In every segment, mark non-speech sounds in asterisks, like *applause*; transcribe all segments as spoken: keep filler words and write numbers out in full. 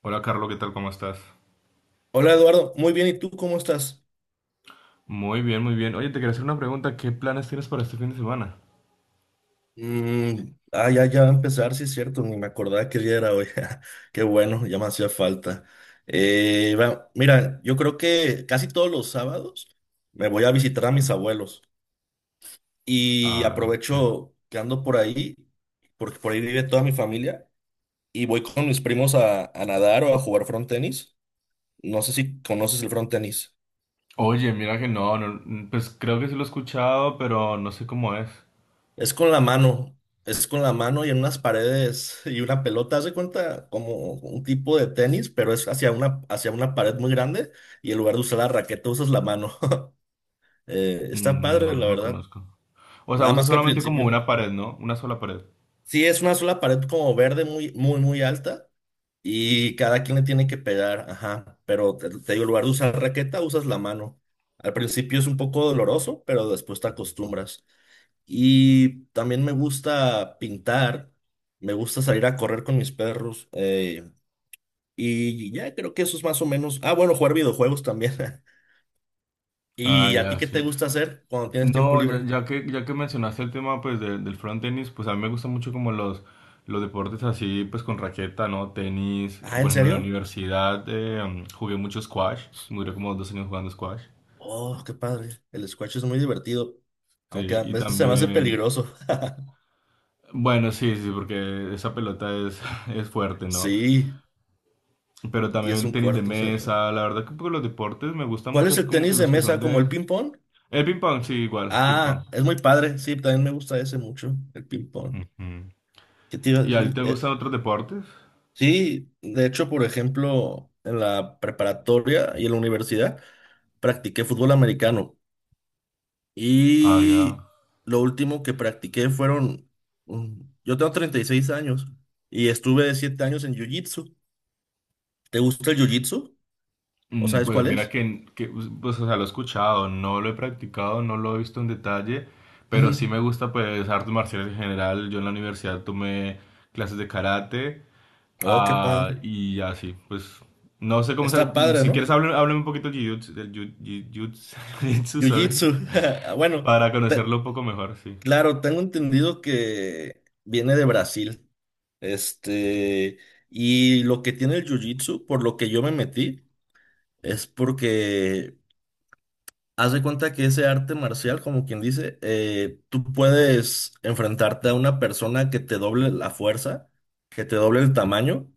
Hola Carlos, ¿qué tal? ¿Cómo estás? Hola Eduardo, muy bien, ¿y tú cómo estás? Muy bien, muy bien. Oye, te quería hacer una pregunta. ¿Qué planes tienes para este fin de semana? Mm, ah, ya, ya va a empezar, sí es cierto, ni me acordaba que día era hoy. *laughs* Qué bueno, ya me hacía falta. Eh, va, mira, yo creo que casi todos los sábados me voy a visitar a mis abuelos y Ah, sí. aprovecho que ando por ahí, porque por ahí vive toda mi familia, y voy con mis primos a, a nadar o a jugar frontenis. No sé si conoces el frontenis. Oye, mira que no, no, mm, pues creo que sí lo he escuchado, pero no sé cómo es. Es con la mano, es con la mano y en unas paredes y una pelota, haz de cuenta como un tipo de tenis, pero es hacia una, hacia una pared muy grande y en lugar de usar la raqueta usas la mano. *laughs* Eh, está Mm. padre, No, la no lo verdad. conozco. O sea, Nada usa más que al solamente como principio. una pared, ¿no? Una sola pared. Sí, es una sola pared como verde muy, muy, muy alta y cada quien le tiene que pegar, ajá. Pero te, te digo, en lugar de usar raqueta usas la mano. Al principio es un poco doloroso, pero después te acostumbras. Y también me gusta pintar, me gusta salir a correr con mis perros. eh, y ya creo que eso es más o menos. Ah, bueno, jugar videojuegos también. *laughs* Ah, ¿Y a ti ya, qué te sí. gusta hacer cuando tienes tiempo No, ya, libre? ya que, ya que mencionaste el tema pues de- del front tenis, pues a mí me gusta mucho como los, los deportes así pues con raqueta, ¿no? Tenis, eh, Ah, ¿en por ejemplo en la serio? universidad eh, mm, jugué mucho squash, duré como dos años jugando squash. Oh, qué padre. El squash es muy divertido, Sí, aunque a y veces se me hace también, peligroso. *laughs* bueno, sí, sí, porque esa pelota es, *laughs* es fuerte, ¿no? Sí, Pero y es también un tenis de cuarto cerrado. mesa, la verdad que pues, los deportes me gustan ¿Cuál mucho, es así el como que tenis de los que son mesa como el de... ping-pong? El ping pong, sí, igual, ping pong. Ah, es muy padre. Sí, también me gusta ese mucho, el ping-pong. Ujú. ¿Qué te iba a ¿Y a ti decir? te Eh, gustan otros deportes? Sí, de hecho, por ejemplo, en la preparatoria y en la universidad practiqué fútbol americano Ah, ya. y lo último que practiqué fueron. Mm, yo tengo treinta y seis años y estuve siete años en jiu-jitsu. ¿Te gusta el jiu-jitsu? ¿O Mm, sabes Pues cuál mira es? que, que, pues, o sea, lo he escuchado, no lo he practicado, no lo he visto en detalle, pero sí Ujú. me gusta, pues, artes marciales en general. Yo en la universidad tomé clases de karate. Oh, qué Ah, padre. y así, pues no sé cómo. sa- Está padre, Si quieres, ¿no? háblame, háblame un poquito del jiu- del jiu- jiu- jiu- *laughs* jiu-jitsu, sorry, Jiu-jitsu. *laughs* Bueno, para te- conocerlo un poco mejor, sí. claro, tengo entendido que viene de Brasil. Este, y lo que tiene el jiu-jitsu, por lo que yo me metí, es porque haz de cuenta que ese arte marcial, como quien dice, eh, tú puedes enfrentarte a una persona que te doble la fuerza, que te doble el tamaño,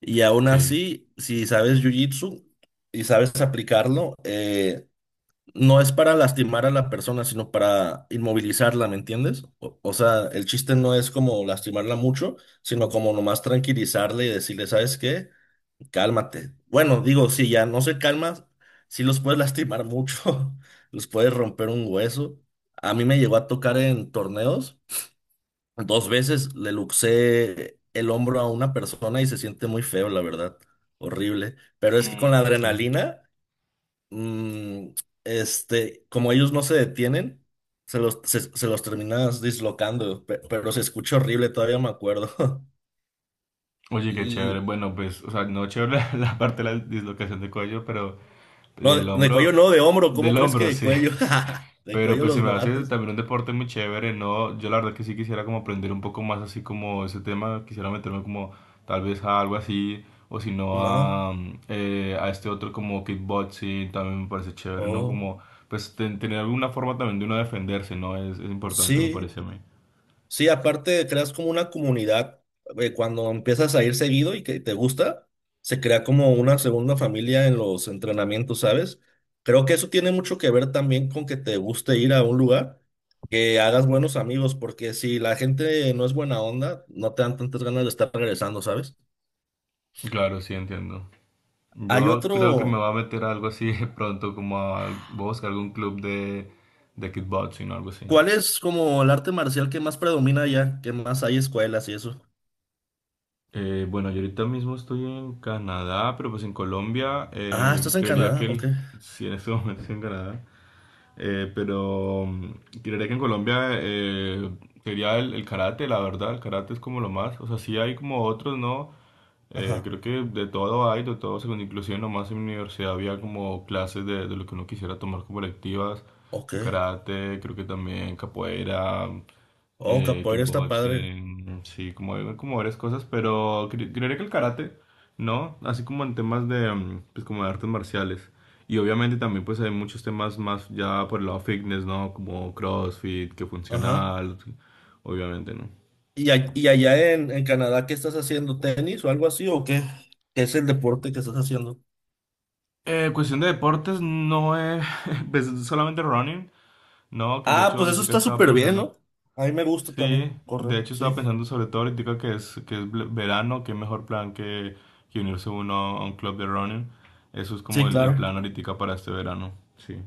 y aún Sí. así, si sabes jiu-jitsu y sabes aplicarlo, eh, no es para lastimar a la persona, sino para inmovilizarla, ¿me entiendes? O, o sea, el chiste no es como lastimarla mucho, sino como nomás tranquilizarle y decirle, ¿sabes qué? Cálmate. Bueno, digo, si ya no se calma, sí los puedes lastimar mucho, *laughs* los puedes romper un hueso. A mí me llegó a tocar en torneos, dos veces le luxé el hombro a una persona y se siente muy feo, la verdad, horrible. Pero es que con Mm, la sí. adrenalina mm, este, como ellos no se detienen, se los, se, se los terminas dislocando, pe- pero se escucha horrible, todavía me acuerdo. *laughs* Oye, qué chévere. Y, Bueno, pues, o sea, no chévere *laughs* la parte de la dislocación de cuello, pero no, del de, de cuello hombro, no, de hombro, ¿cómo del crees que hombro, de sí. cuello? *laughs* De Pero cuello pues se los me hace matas. también un deporte muy chévere, ¿no? Yo la verdad que sí quisiera como aprender un poco más así como ese tema, quisiera meterme como tal vez a algo así, o si no No, a, mm, eh, a este otro como kickboxing, también me parece chévere, ¿no? oh, Como pues ten- tener alguna forma también de uno defenderse, ¿no? Es, es importante, me parece sí. a mí. Sí, aparte creas como una comunidad, eh, cuando empiezas a ir seguido y que te gusta, se crea como una segunda familia en los entrenamientos, ¿sabes? Creo que eso tiene mucho que ver también con que te guste ir a un lugar, que hagas buenos amigos, porque si la gente no es buena onda, no te dan tantas ganas de estar regresando, ¿sabes? Claro, sí, entiendo. Hay Yo creo que me otro, va a meter a algo así *laughs* pronto, como a, voy a buscar algún club de, de kickboxing o algo así. ¿cuál es como el arte marcial que más predomina allá? ¿Qué más hay escuelas y eso? Eh, bueno, yo ahorita mismo estoy en Canadá, pero pues en Colombia, Ah, eh, estás en creería que Canadá, ok. el- sí, en este momento estoy en Canadá. Eh, pero mm, Creería que en Colombia eh, sería el, el karate, la verdad, el karate es como lo más, o sea, sí hay como otros, ¿no? Ajá, Eh, creo que de todo hay, de todo, según inclusive nomás en mi universidad había como clases de, de lo que uno quisiera tomar como electivas, ok. de karate, creo que también capoeira, Oh, eh, capoeira está padre. kickboxing, sí, como, hay- como varias cosas, pero cre- creería que el karate, ¿no? Así como en temas de, mm, pues como de artes marciales. Y obviamente también pues hay muchos temas más ya por el lado fitness, ¿no? Como CrossFit, que Ajá. funcional, obviamente, ¿no? Y, a- y allá en, en Canadá, ¿qué estás haciendo? ¿Tenis o algo así? ¿O qué? ¿Qué es el deporte que estás haciendo? Eh, cuestión de deportes, no es *laughs* pues, solamente running, ¿no? Que de Ah, hecho pues eso ahorita está estaba súper bien, pensando. ¿no? A mí me gusta Sí, también correr, de hecho sí. estaba pensando sobre todo ahorita que es, que es ble- verano, qué mejor plan que, que unirse uno a un club de running. Eso es como Sí, el, el claro. plan ahorita para este verano, sí.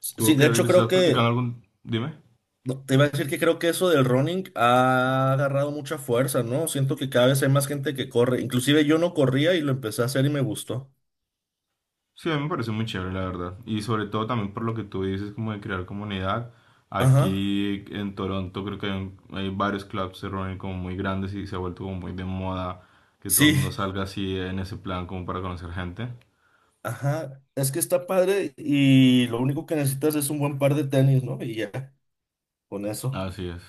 Sí, ¿Tú qué de hecho creo estás practicando que, algún... Dime. no, te iba a decir que creo que eso del running ha agarrado mucha fuerza, ¿no? Siento que cada vez hay más gente que corre. Inclusive yo no corría y lo empecé a hacer y me gustó. Sí, a mí me parece muy chévere, la verdad. Y sobre todo también por lo que tú dices, como de crear comunidad. Ajá, Aquí en Toronto creo que hay, un- hay varios clubs se reúnen como muy grandes y se ha vuelto como muy de moda que todo el sí, mundo salga así en ese plan como para conocer gente. ajá. Es que está padre y lo único que necesitas es un buen par de tenis, ¿no? Y ya, con eso. Así es.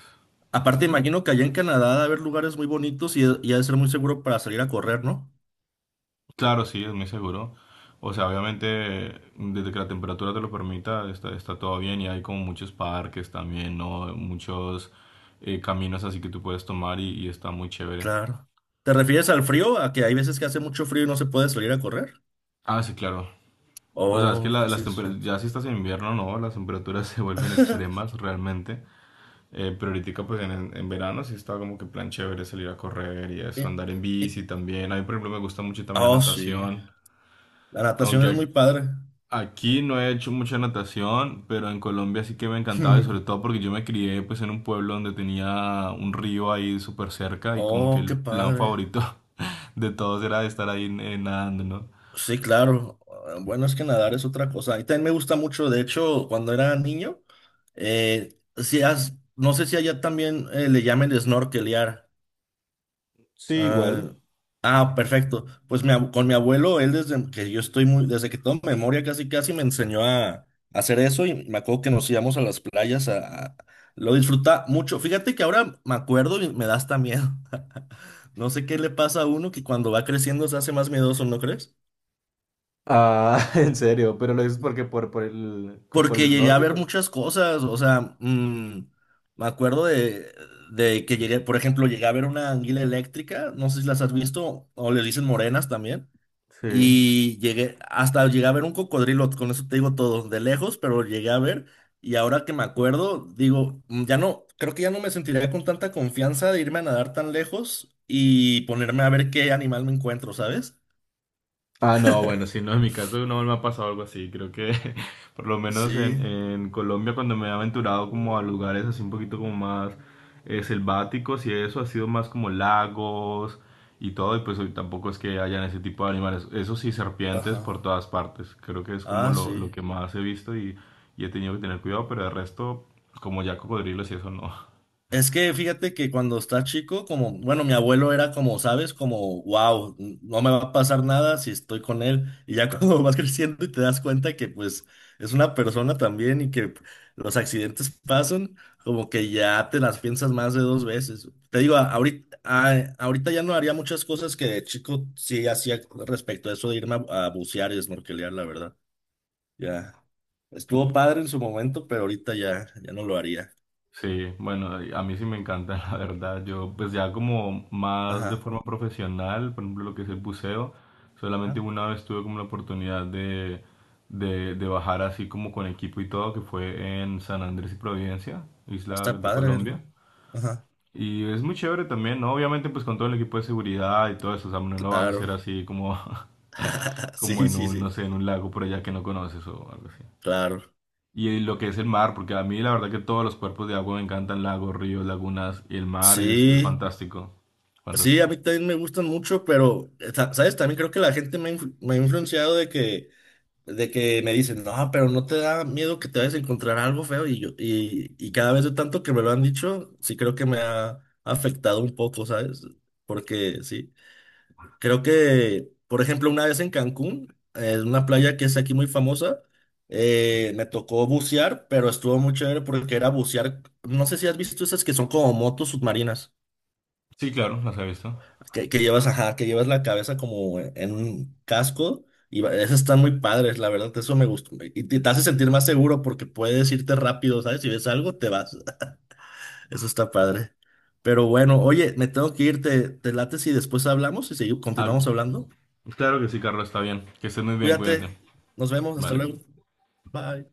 Aparte, imagino que allá en Canadá debe haber lugares muy bonitos y, y ha de ser muy seguro para salir a correr, ¿no? Claro, sí, es muy seguro. O sea, obviamente, desde que la temperatura te lo permita, está, está todo bien y hay como muchos parques también, ¿no? Muchos eh, caminos así que tú puedes tomar y, y está muy chévere. Claro. ¿Te refieres al frío? ¿A que hay veces que hace mucho frío y no se puede salir a correr? Ah, sí, claro. O sea, es que Oh, la- pues sí, las es temperaturas, cierto. ya si estás en invierno, no, las temperaturas *laughs* se vuelven extremas *laughs* realmente. Eh, pero ahorita, pues en, en en verano sí está como que plan chévere salir a correr y eso, Eh, andar en eh, bici también. A mí, por ejemplo, me gusta mucho también la Oh, sí. natación. La natación Aunque es ac- muy padre. aquí no he hecho mucha natación, pero en Colombia sí que me encantaba y sobre todo *laughs* porque yo me crié pues en un pueblo donde tenía un río ahí súper cerca y como que Oh, qué el plan padre. favorito *laughs* de todos era estar ahí eh, nadando, ¿no? Sí, claro. Ah, bueno, es que nadar es otra cosa. Y también me gusta mucho, de hecho, cuando era niño, eh, si has- no sé si allá también eh, le llamen snorkelear. Sí, Ah, igual. ah, perfecto. Pues mi ab- con mi abuelo, él desde que yo estoy muy, desde que tengo memoria casi casi me enseñó a, a hacer eso y me acuerdo que nos íbamos a las playas a, a- lo disfruta mucho. Fíjate que ahora me acuerdo y me da hasta miedo. *laughs* No sé qué le pasa a uno que cuando va creciendo se hace más miedoso, ¿no crees? Ah, *laughs* en serio, pero lo dices porque por, por el, con- por el Porque llegué a snorkel. ver Pues. muchas cosas, o sea, mm, me acuerdo de, de que llegué, por ejemplo, llegué a ver una anguila eléctrica, no sé si las has visto, o les dicen morenas también. Sí. Y llegué, hasta llegué a ver un cocodrilo, con eso te digo todo, de lejos, pero llegué a ver. Y ahora que me acuerdo, digo, "Mm, ya no, creo que ya no me sentiría con tanta confianza de irme a nadar tan lejos y ponerme a ver qué animal me encuentro, ¿sabes? Ah, no, bueno, sí, no, en mi caso no me ha pasado algo así. Creo que *laughs* por lo menos Sí, en, en Colombia cuando me he aventurado como a lugares así un poquito como más eh, selváticos y eso ha sido más como lagos y todo y pues hoy tampoco es que hayan ese tipo de animales. Eso sí, serpientes ajá, por todas partes. Creo que es como ah, lo, lo sí. que más he visto y, y he tenido que tener cuidado, pero el resto como ya cocodrilos y eso no. Es que fíjate que cuando está chico, como, bueno, mi abuelo era como, ¿sabes? Como, wow, no me va a pasar nada si estoy con él. Y ya *laughs* cuando vas creciendo y te das cuenta que pues es una persona también y que los accidentes pasan, como que ya te las piensas más de dos veces. Te digo, a- ahorita, a- ahorita ya no haría muchas cosas que de chico sí hacía respecto a eso de irme a, a bucear y snorkelear, la verdad. Ya estuvo padre en su momento, pero ahorita ya, ya no lo haría. Sí, bueno, a mí sí me encanta, *laughs* la verdad. Yo, pues ya como más de Ajá. forma profesional, por ejemplo, lo que es el buceo, solamente una vez tuve como la oportunidad de, de, de bajar así como con equipo y todo, que fue en San Andrés y Providencia, isla Está de padre, ¿verdad? Colombia. Ajá, Y es muy chévere también, ¿no? Obviamente pues con todo el equipo de seguridad y todo eso, o sea, no lo vas a hacer claro. así como, *laughs* *laughs* como Sí, en sí, un, no sí, sé, en un lago por allá que no conoces o algo así. claro. Y lo que es el mar, porque a mí la verdad que todos los cuerpos de agua me encantan, lagos, ríos, lagunas, y el mar es, es Sí, fantástico, sí, a fantástico. mí también me gustan mucho, pero, eh, sa- ¿sabes? También creo que la gente me ha, influ- me ha influenciado de que, de que, me dicen, no, pero no te da miedo que te vayas a encontrar algo feo y yo, y, y cada vez de tanto que me lo han dicho, sí creo que me ha afectado un poco, ¿sabes? Porque sí. Creo que, por ejemplo, una vez en Cancún, en una playa que es aquí muy famosa, eh, me tocó bucear, pero estuvo muy chévere porque era bucear. No sé si has visto esas que son como motos submarinas, Sí, claro, las he visto. que, que llevas, ajá, que llevas la cabeza como en un casco. Y va- esas están muy padres, la verdad, eso me gustó. Y te, te hace sentir más seguro porque puedes irte rápido, ¿sabes? Si ves algo, te vas. *laughs* Eso está padre. Pero bueno, oye, me tengo que ir, te, te late si después hablamos y seguimos, Ah, continuamos hablando. claro que sí, Carlos, está bien. Que estés muy bien, cuídate. Cuídate, nos vemos, hasta Vale. luego. Bye.